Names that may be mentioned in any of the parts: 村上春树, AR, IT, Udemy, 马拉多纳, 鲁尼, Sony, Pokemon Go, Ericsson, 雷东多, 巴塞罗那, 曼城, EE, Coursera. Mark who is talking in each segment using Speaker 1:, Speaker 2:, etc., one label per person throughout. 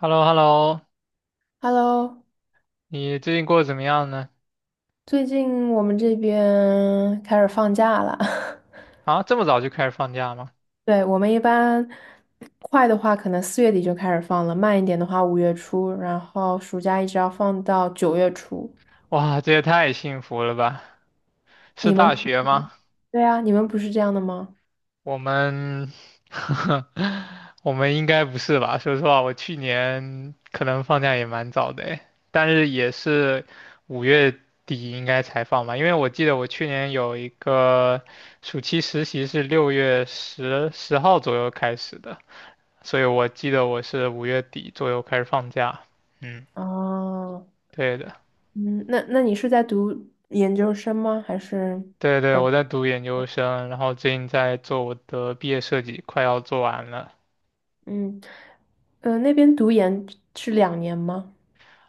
Speaker 1: h e l l o h e l l o
Speaker 2: Hello，
Speaker 1: 你最近过得怎么样呢？
Speaker 2: 最近我们这边开始放假了。
Speaker 1: 啊，这么早就开始放假吗？
Speaker 2: 对，我们一般快的话，可能4月底就开始放了；慢一点的话，5月初，然后暑假一直要放到9月初。
Speaker 1: 哇，这也太幸福了吧！是
Speaker 2: 你们
Speaker 1: 大
Speaker 2: 不
Speaker 1: 学吗？
Speaker 2: 对啊，你们不是这样的吗？
Speaker 1: 我们，我们应该不是吧？说实话，我去年可能放假也蛮早的诶，但是也是五月底应该才放吧，因为我记得我去年有一个暑期实习是六月十号左右开始的，所以我记得我是五月底左右开始放假。嗯，
Speaker 2: 哦，
Speaker 1: 对的。
Speaker 2: 嗯，那那你是在读研究生吗？还是
Speaker 1: 对对，我在读研究生，然后最近在做我的毕业设计，快要做完了。
Speaker 2: 嗯那边读研是2年吗？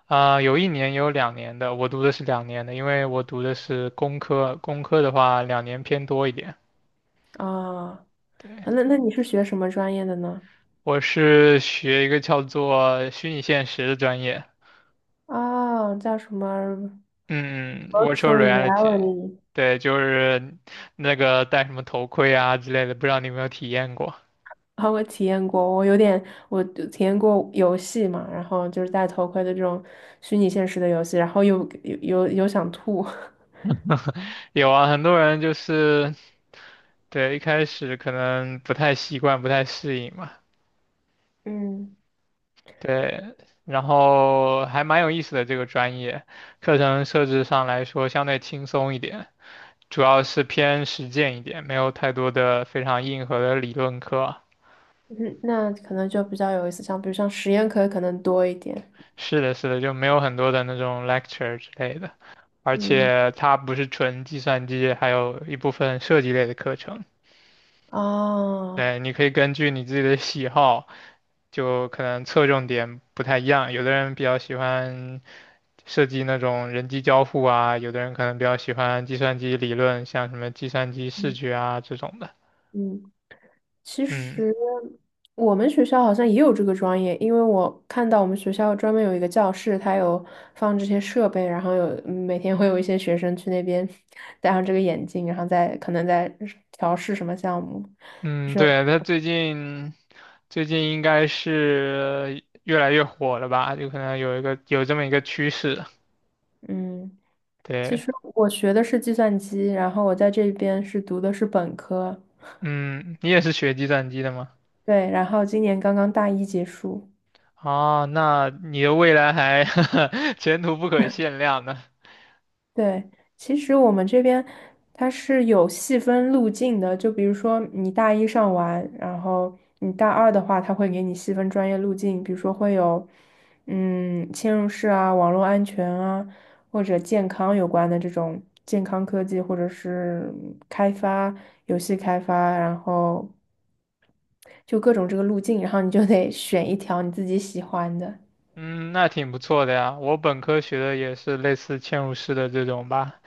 Speaker 1: 啊、有一年，也有两年的，我读的是两年的，因为我读的是工科，工科的话两年偏多一点。
Speaker 2: 啊、
Speaker 1: 对，
Speaker 2: 那你是学什么专业的呢？
Speaker 1: 我是学一个叫做虚拟现实的专业，
Speaker 2: 哦，叫什么
Speaker 1: 嗯嗯，virtual
Speaker 2: virtual
Speaker 1: reality，
Speaker 2: reality？
Speaker 1: 对，就是那个戴什么头盔啊之类的，不知道你有没有体验过？
Speaker 2: 啊，我体验过，我有点，我体验过游戏嘛，然后就是戴头盔的这种虚拟现实的游戏，然后又想吐，
Speaker 1: 有啊，很多人就是对一开始可能不太习惯，不太适应嘛。
Speaker 2: 嗯，
Speaker 1: 对，然后还蛮有意思的这个专业，课程设置上来说相对轻松一点，主要是偏实践一点，没有太多的非常硬核的理论课。
Speaker 2: 嗯那可能就比较有意思，像比如像实验课可能多一点，
Speaker 1: 是的，是的，就没有很多的那种 lecture 之类的，而
Speaker 2: 嗯，
Speaker 1: 且它不是纯计算机，还有一部分设计类的课程。
Speaker 2: 啊，
Speaker 1: 对，你可以根据你自己的喜好，就可能侧重点不太一样。有的人比较喜欢设计那种人机交互啊，有的人可能比较喜欢计算机理论，像什么计算机视觉啊这种的。
Speaker 2: 嗯。其
Speaker 1: 嗯
Speaker 2: 实我们学校好像也有这个专业，因为我看到我们学校专门有一个教室，它有放这些设备，然后有每天会有一些学生去那边戴上这个眼镜，然后再可能在调试什么项目，就
Speaker 1: 嗯，
Speaker 2: 是
Speaker 1: 对，他最近应该是越来越火了吧？就可能有一个有这么一个趋势。
Speaker 2: 嗯，其
Speaker 1: 对，
Speaker 2: 实我学的是计算机，然后我在这边是读的是本科，
Speaker 1: 嗯，你也是学计算机的吗？
Speaker 2: 对，然后今年刚刚大一结束。
Speaker 1: 哦，那你的未来还 前途不可限量呢。
Speaker 2: 对，其实我们这边它是有细分路径的，就比如说你大一上完，然后你大二的话，它会给你细分专业路径，比如说会有嵌入式啊、网络安全啊，或者健康有关的这种健康科技，或者是开发、游戏开发，然后就各种这个路径，然后你就得选一条你自己喜欢的。
Speaker 1: 嗯，那挺不错的呀。我本科学的也是类似嵌入式的这种吧，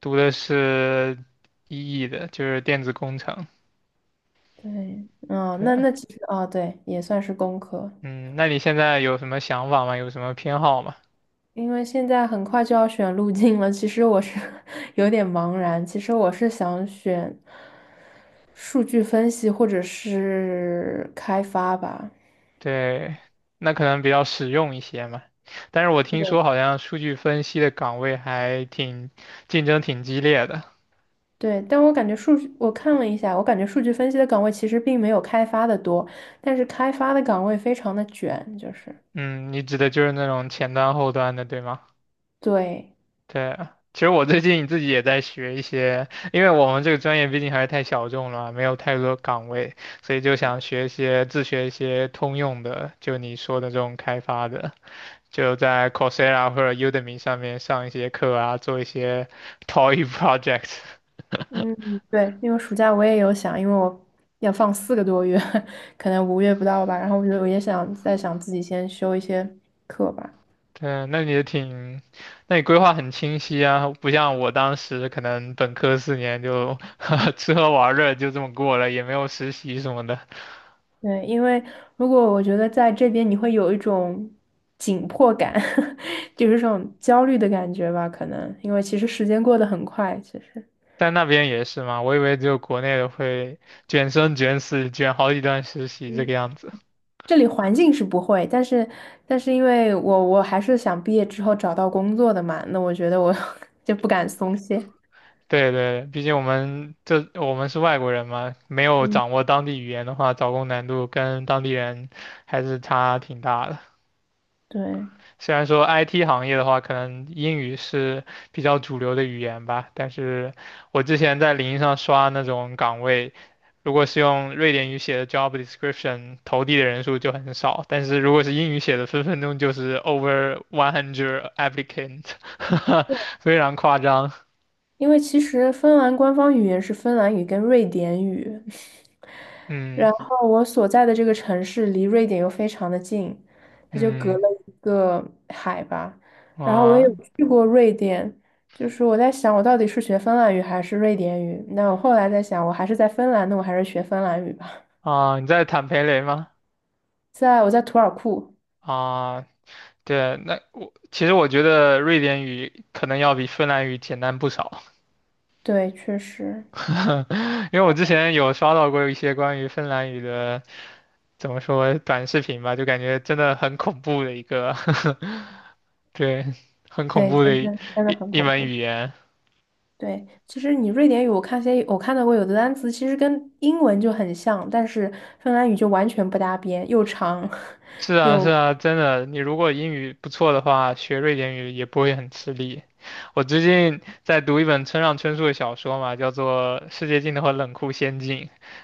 Speaker 1: 读的是 EE 的，就是电子工程。
Speaker 2: 对，嗯，
Speaker 1: 对
Speaker 2: 那
Speaker 1: 啊，
Speaker 2: 那其实啊，对，也算是工科。
Speaker 1: 嗯，那你现在有什么想法吗？有什么偏好吗？
Speaker 2: 因为现在很快就要选路径了，其实我是 有点茫然。其实我是想选数据分析或者是开发吧。
Speaker 1: 对，那可能比较实用一些嘛。但是我听
Speaker 2: 对。
Speaker 1: 说好像数据分析的岗位还挺竞争挺激烈的。
Speaker 2: 对，但我感觉数据，我看了一下，我感觉数据分析的岗位其实并没有开发的多，但是开发的岗位非常的卷，就是
Speaker 1: 嗯，你指的就是那种前端后端的，对吗？
Speaker 2: 对，
Speaker 1: 对，其实我最近自己也在学一些，因为我们这个专业毕竟还是太小众了，没有太多岗位，所以就想学一些自学一些通用的，就你说的这种开发的，就在 Coursera 或者 Udemy 上面上一些课啊，做一些 toy project。
Speaker 2: 嗯，对，因为暑假我也有想，因为我要放4个多月，可能五月不到吧，然后我也想再想自己先修一些课吧。
Speaker 1: 对，那你也挺，那你规划很清晰啊，不像我当时可能本科四年就 吃喝玩乐就这么过了，也没有实习什么的。
Speaker 2: 对，因为如果我觉得在这边你会有一种紧迫感，就是这种焦虑的感觉吧，可能因为其实时间过得很快，其实。
Speaker 1: 在那边也是吗？我以为只有国内的会卷生卷死，卷好几段实习这
Speaker 2: 嗯，
Speaker 1: 个样子。
Speaker 2: 这里环境是不会，但是因为我还是想毕业之后找到工作的嘛，那我觉得我 就不敢松懈。
Speaker 1: 对对，毕竟我们是外国人嘛，没有
Speaker 2: 嗯，
Speaker 1: 掌握当地语言的话，找工难度跟当地人还是差挺大的。
Speaker 2: 对，
Speaker 1: 虽然说 IT 行业的话，可能英语是比较主流的语言吧，但是我之前在领英上刷那种岗位，如果是用瑞典语写的 job description，投递的人数就很少，但是如果是英语写的，分分钟就是 over one hundred applicant，非常夸张。
Speaker 2: 因为其实芬兰官方语言是芬兰语跟瑞典语。然
Speaker 1: 嗯
Speaker 2: 后我所在的这个城市离瑞典又非常的近，它就隔
Speaker 1: 嗯
Speaker 2: 了一个海吧。然后我也
Speaker 1: 啊
Speaker 2: 有去过瑞典，就是我在想我到底是学芬兰语还是瑞典语？那我后来在想，我还是在芬兰，那我还是学芬兰语吧。
Speaker 1: 啊，你在坦培雷吗？
Speaker 2: 我在图尔库，
Speaker 1: 啊，对，那我其实我觉得瑞典语可能要比芬兰语简单不少。
Speaker 2: 对，确实，
Speaker 1: 因为我之前有刷到过一些关于芬兰语的，怎么说短视频吧，就感觉真的很恐怖的一个，对，很恐
Speaker 2: 对，
Speaker 1: 怖的
Speaker 2: 真
Speaker 1: 一
Speaker 2: 的真的
Speaker 1: 一
Speaker 2: 很
Speaker 1: 一
Speaker 2: 恐
Speaker 1: 门
Speaker 2: 怖。
Speaker 1: 语言。
Speaker 2: 对，其实你瑞典语，我看到过有的单词，其实跟英文就很像，但是芬兰语就完全不搭边，又长
Speaker 1: 是 啊，
Speaker 2: 又
Speaker 1: 是啊，真的，你如果英语不错的话，学瑞典语也不会很吃力。我最近在读一本村上春树的小说嘛，叫做《世界尽头和冷酷仙境》，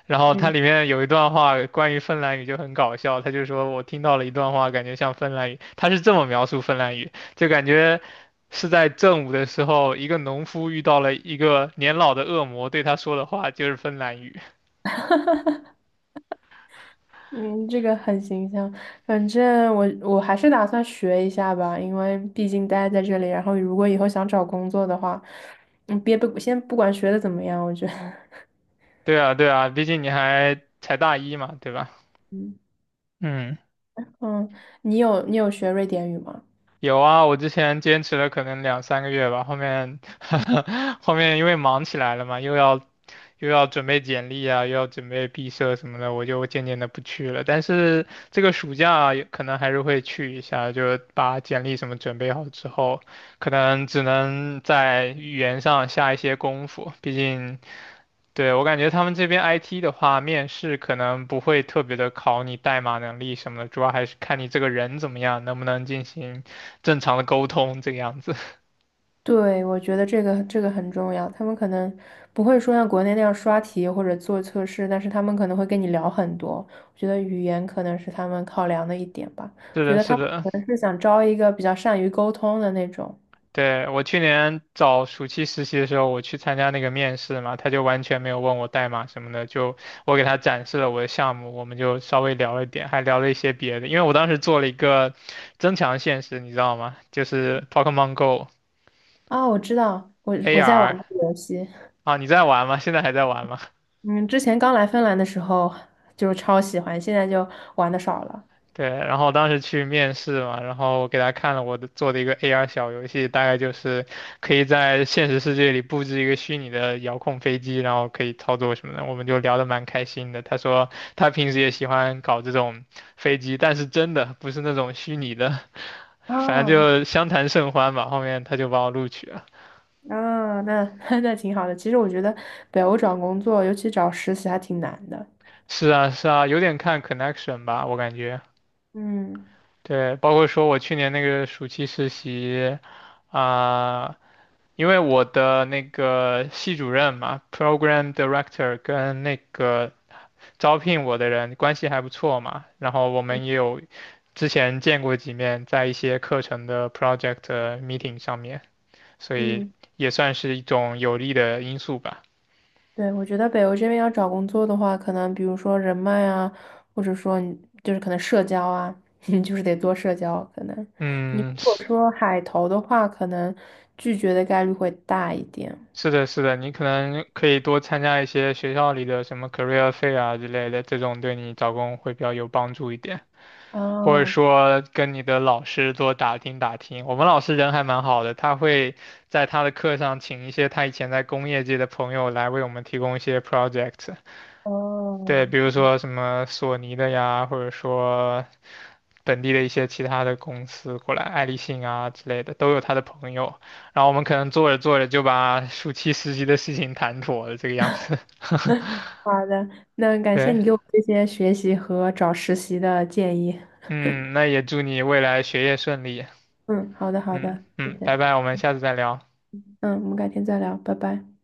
Speaker 1: 然后它
Speaker 2: 嗯。
Speaker 1: 里面有一段话关于芬兰语就很搞笑，他就说我听到了一段话，感觉像芬兰语，他是这么描述芬兰语，就感觉是在正午的时候，一个农夫遇到了一个年老的恶魔，对他说的话就是芬兰语。
Speaker 2: 嗯，这个很形象。反正我还是打算学一下吧，因为毕竟待在这里，然后如果以后想找工作的话，嗯，别不先不管学的怎么样，我觉得，
Speaker 1: 对啊，对啊，毕竟你还才大一嘛，对吧？
Speaker 2: 嗯
Speaker 1: 嗯。
Speaker 2: 嗯，你有学瑞典语吗？
Speaker 1: 有啊，我之前坚持了可能两三个月吧，后面 后面因为忙起来了嘛，又要准备简历啊，又要准备毕设什么的，我就渐渐的不去了。但是这个暑假啊也可能还是会去一下，就把简历什么准备好之后，可能只能在语言上下一些功夫，毕竟对，我感觉他们这边 IT 的话，面试可能不会特别的考你代码能力什么的，主要还是看你这个人怎么样，能不能进行正常的沟通这个样子。
Speaker 2: 对，我觉得这个很重要。他们可能不会说像国内那样刷题或者做测试，但是他们可能会跟你聊很多。我觉得语言可能是他们考量的一点吧。
Speaker 1: 是
Speaker 2: 觉
Speaker 1: 的，
Speaker 2: 得他
Speaker 1: 是
Speaker 2: 们
Speaker 1: 的，
Speaker 2: 可能是想招一个比较善于沟通的那种。
Speaker 1: 对，我去年找暑期实习的时候，我去参加那个面试嘛，他就完全没有问我代码什么的，就我给他展示了我的项目，我们就稍微聊了一点，还聊了一些别的，因为我当时做了一个增强现实，你知道吗？就是 Pokemon Go
Speaker 2: 啊，我知道，我在玩
Speaker 1: AR
Speaker 2: 这个游戏。
Speaker 1: 啊，你在玩吗？现在还在玩吗？
Speaker 2: 嗯，之前刚来芬兰的时候就是超喜欢，现在就玩的少了。
Speaker 1: 对，然后当时去面试嘛，然后我给他看了我的做的一个 AR 小游戏，大概就是可以在现实世界里布置一个虚拟的遥控飞机，然后可以操作什么的，我们就聊得蛮开心的。他说他平时也喜欢搞这种飞机，但是真的不是那种虚拟的，反正
Speaker 2: 啊
Speaker 1: 就相谈甚欢吧。后面他就把我录取了。
Speaker 2: 啊，那 那挺好的。其实我觉得北欧找工作，尤其找实习还挺难的。
Speaker 1: 是啊，是啊，有点看 connection 吧，我感觉。
Speaker 2: 嗯
Speaker 1: 对，包括说我去年那个暑期实习。啊、因为我的那个系主任嘛，program director 跟那个招聘我的人关系还不错嘛，然后我们也有之前见过几面，在一些课程的 project meeting 上面，所以
Speaker 2: 嗯，
Speaker 1: 也算是一种有利的因素吧。
Speaker 2: 对，我觉得北欧这边要找工作的话，可能比如说人脉啊，或者说你就是可能社交啊，你就是得多社交。可能你
Speaker 1: 嗯，
Speaker 2: 如果
Speaker 1: 是
Speaker 2: 说海投的话，可能拒绝的概率会大一点。
Speaker 1: 是的，是的，你可能可以多参加一些学校里的什么 career fair 啊之类的，这种对你找工会比较有帮助一点。或者
Speaker 2: 啊，
Speaker 1: 说跟你的老师多打听打听。我们老师人还蛮好的，他会在他的课上请一些他以前在工业界的朋友来为我们提供一些 project，对，
Speaker 2: 哦，
Speaker 1: 比如说什么索尼的呀，或者说本地的一些其他的公司过来，爱立信啊之类的，都有他的朋友。然后我们可能做着做着就把暑期实习的事情谈妥了，这个样子。
Speaker 2: 好的，那感谢
Speaker 1: 对，
Speaker 2: 你给我这些学习和找实习的建议。
Speaker 1: 嗯，那也祝你未来学业顺利。
Speaker 2: 嗯，好的，好
Speaker 1: 嗯
Speaker 2: 的，谢
Speaker 1: 嗯，
Speaker 2: 谢。
Speaker 1: 拜拜，我们下次再聊。
Speaker 2: 嗯，我们改天再聊，拜拜。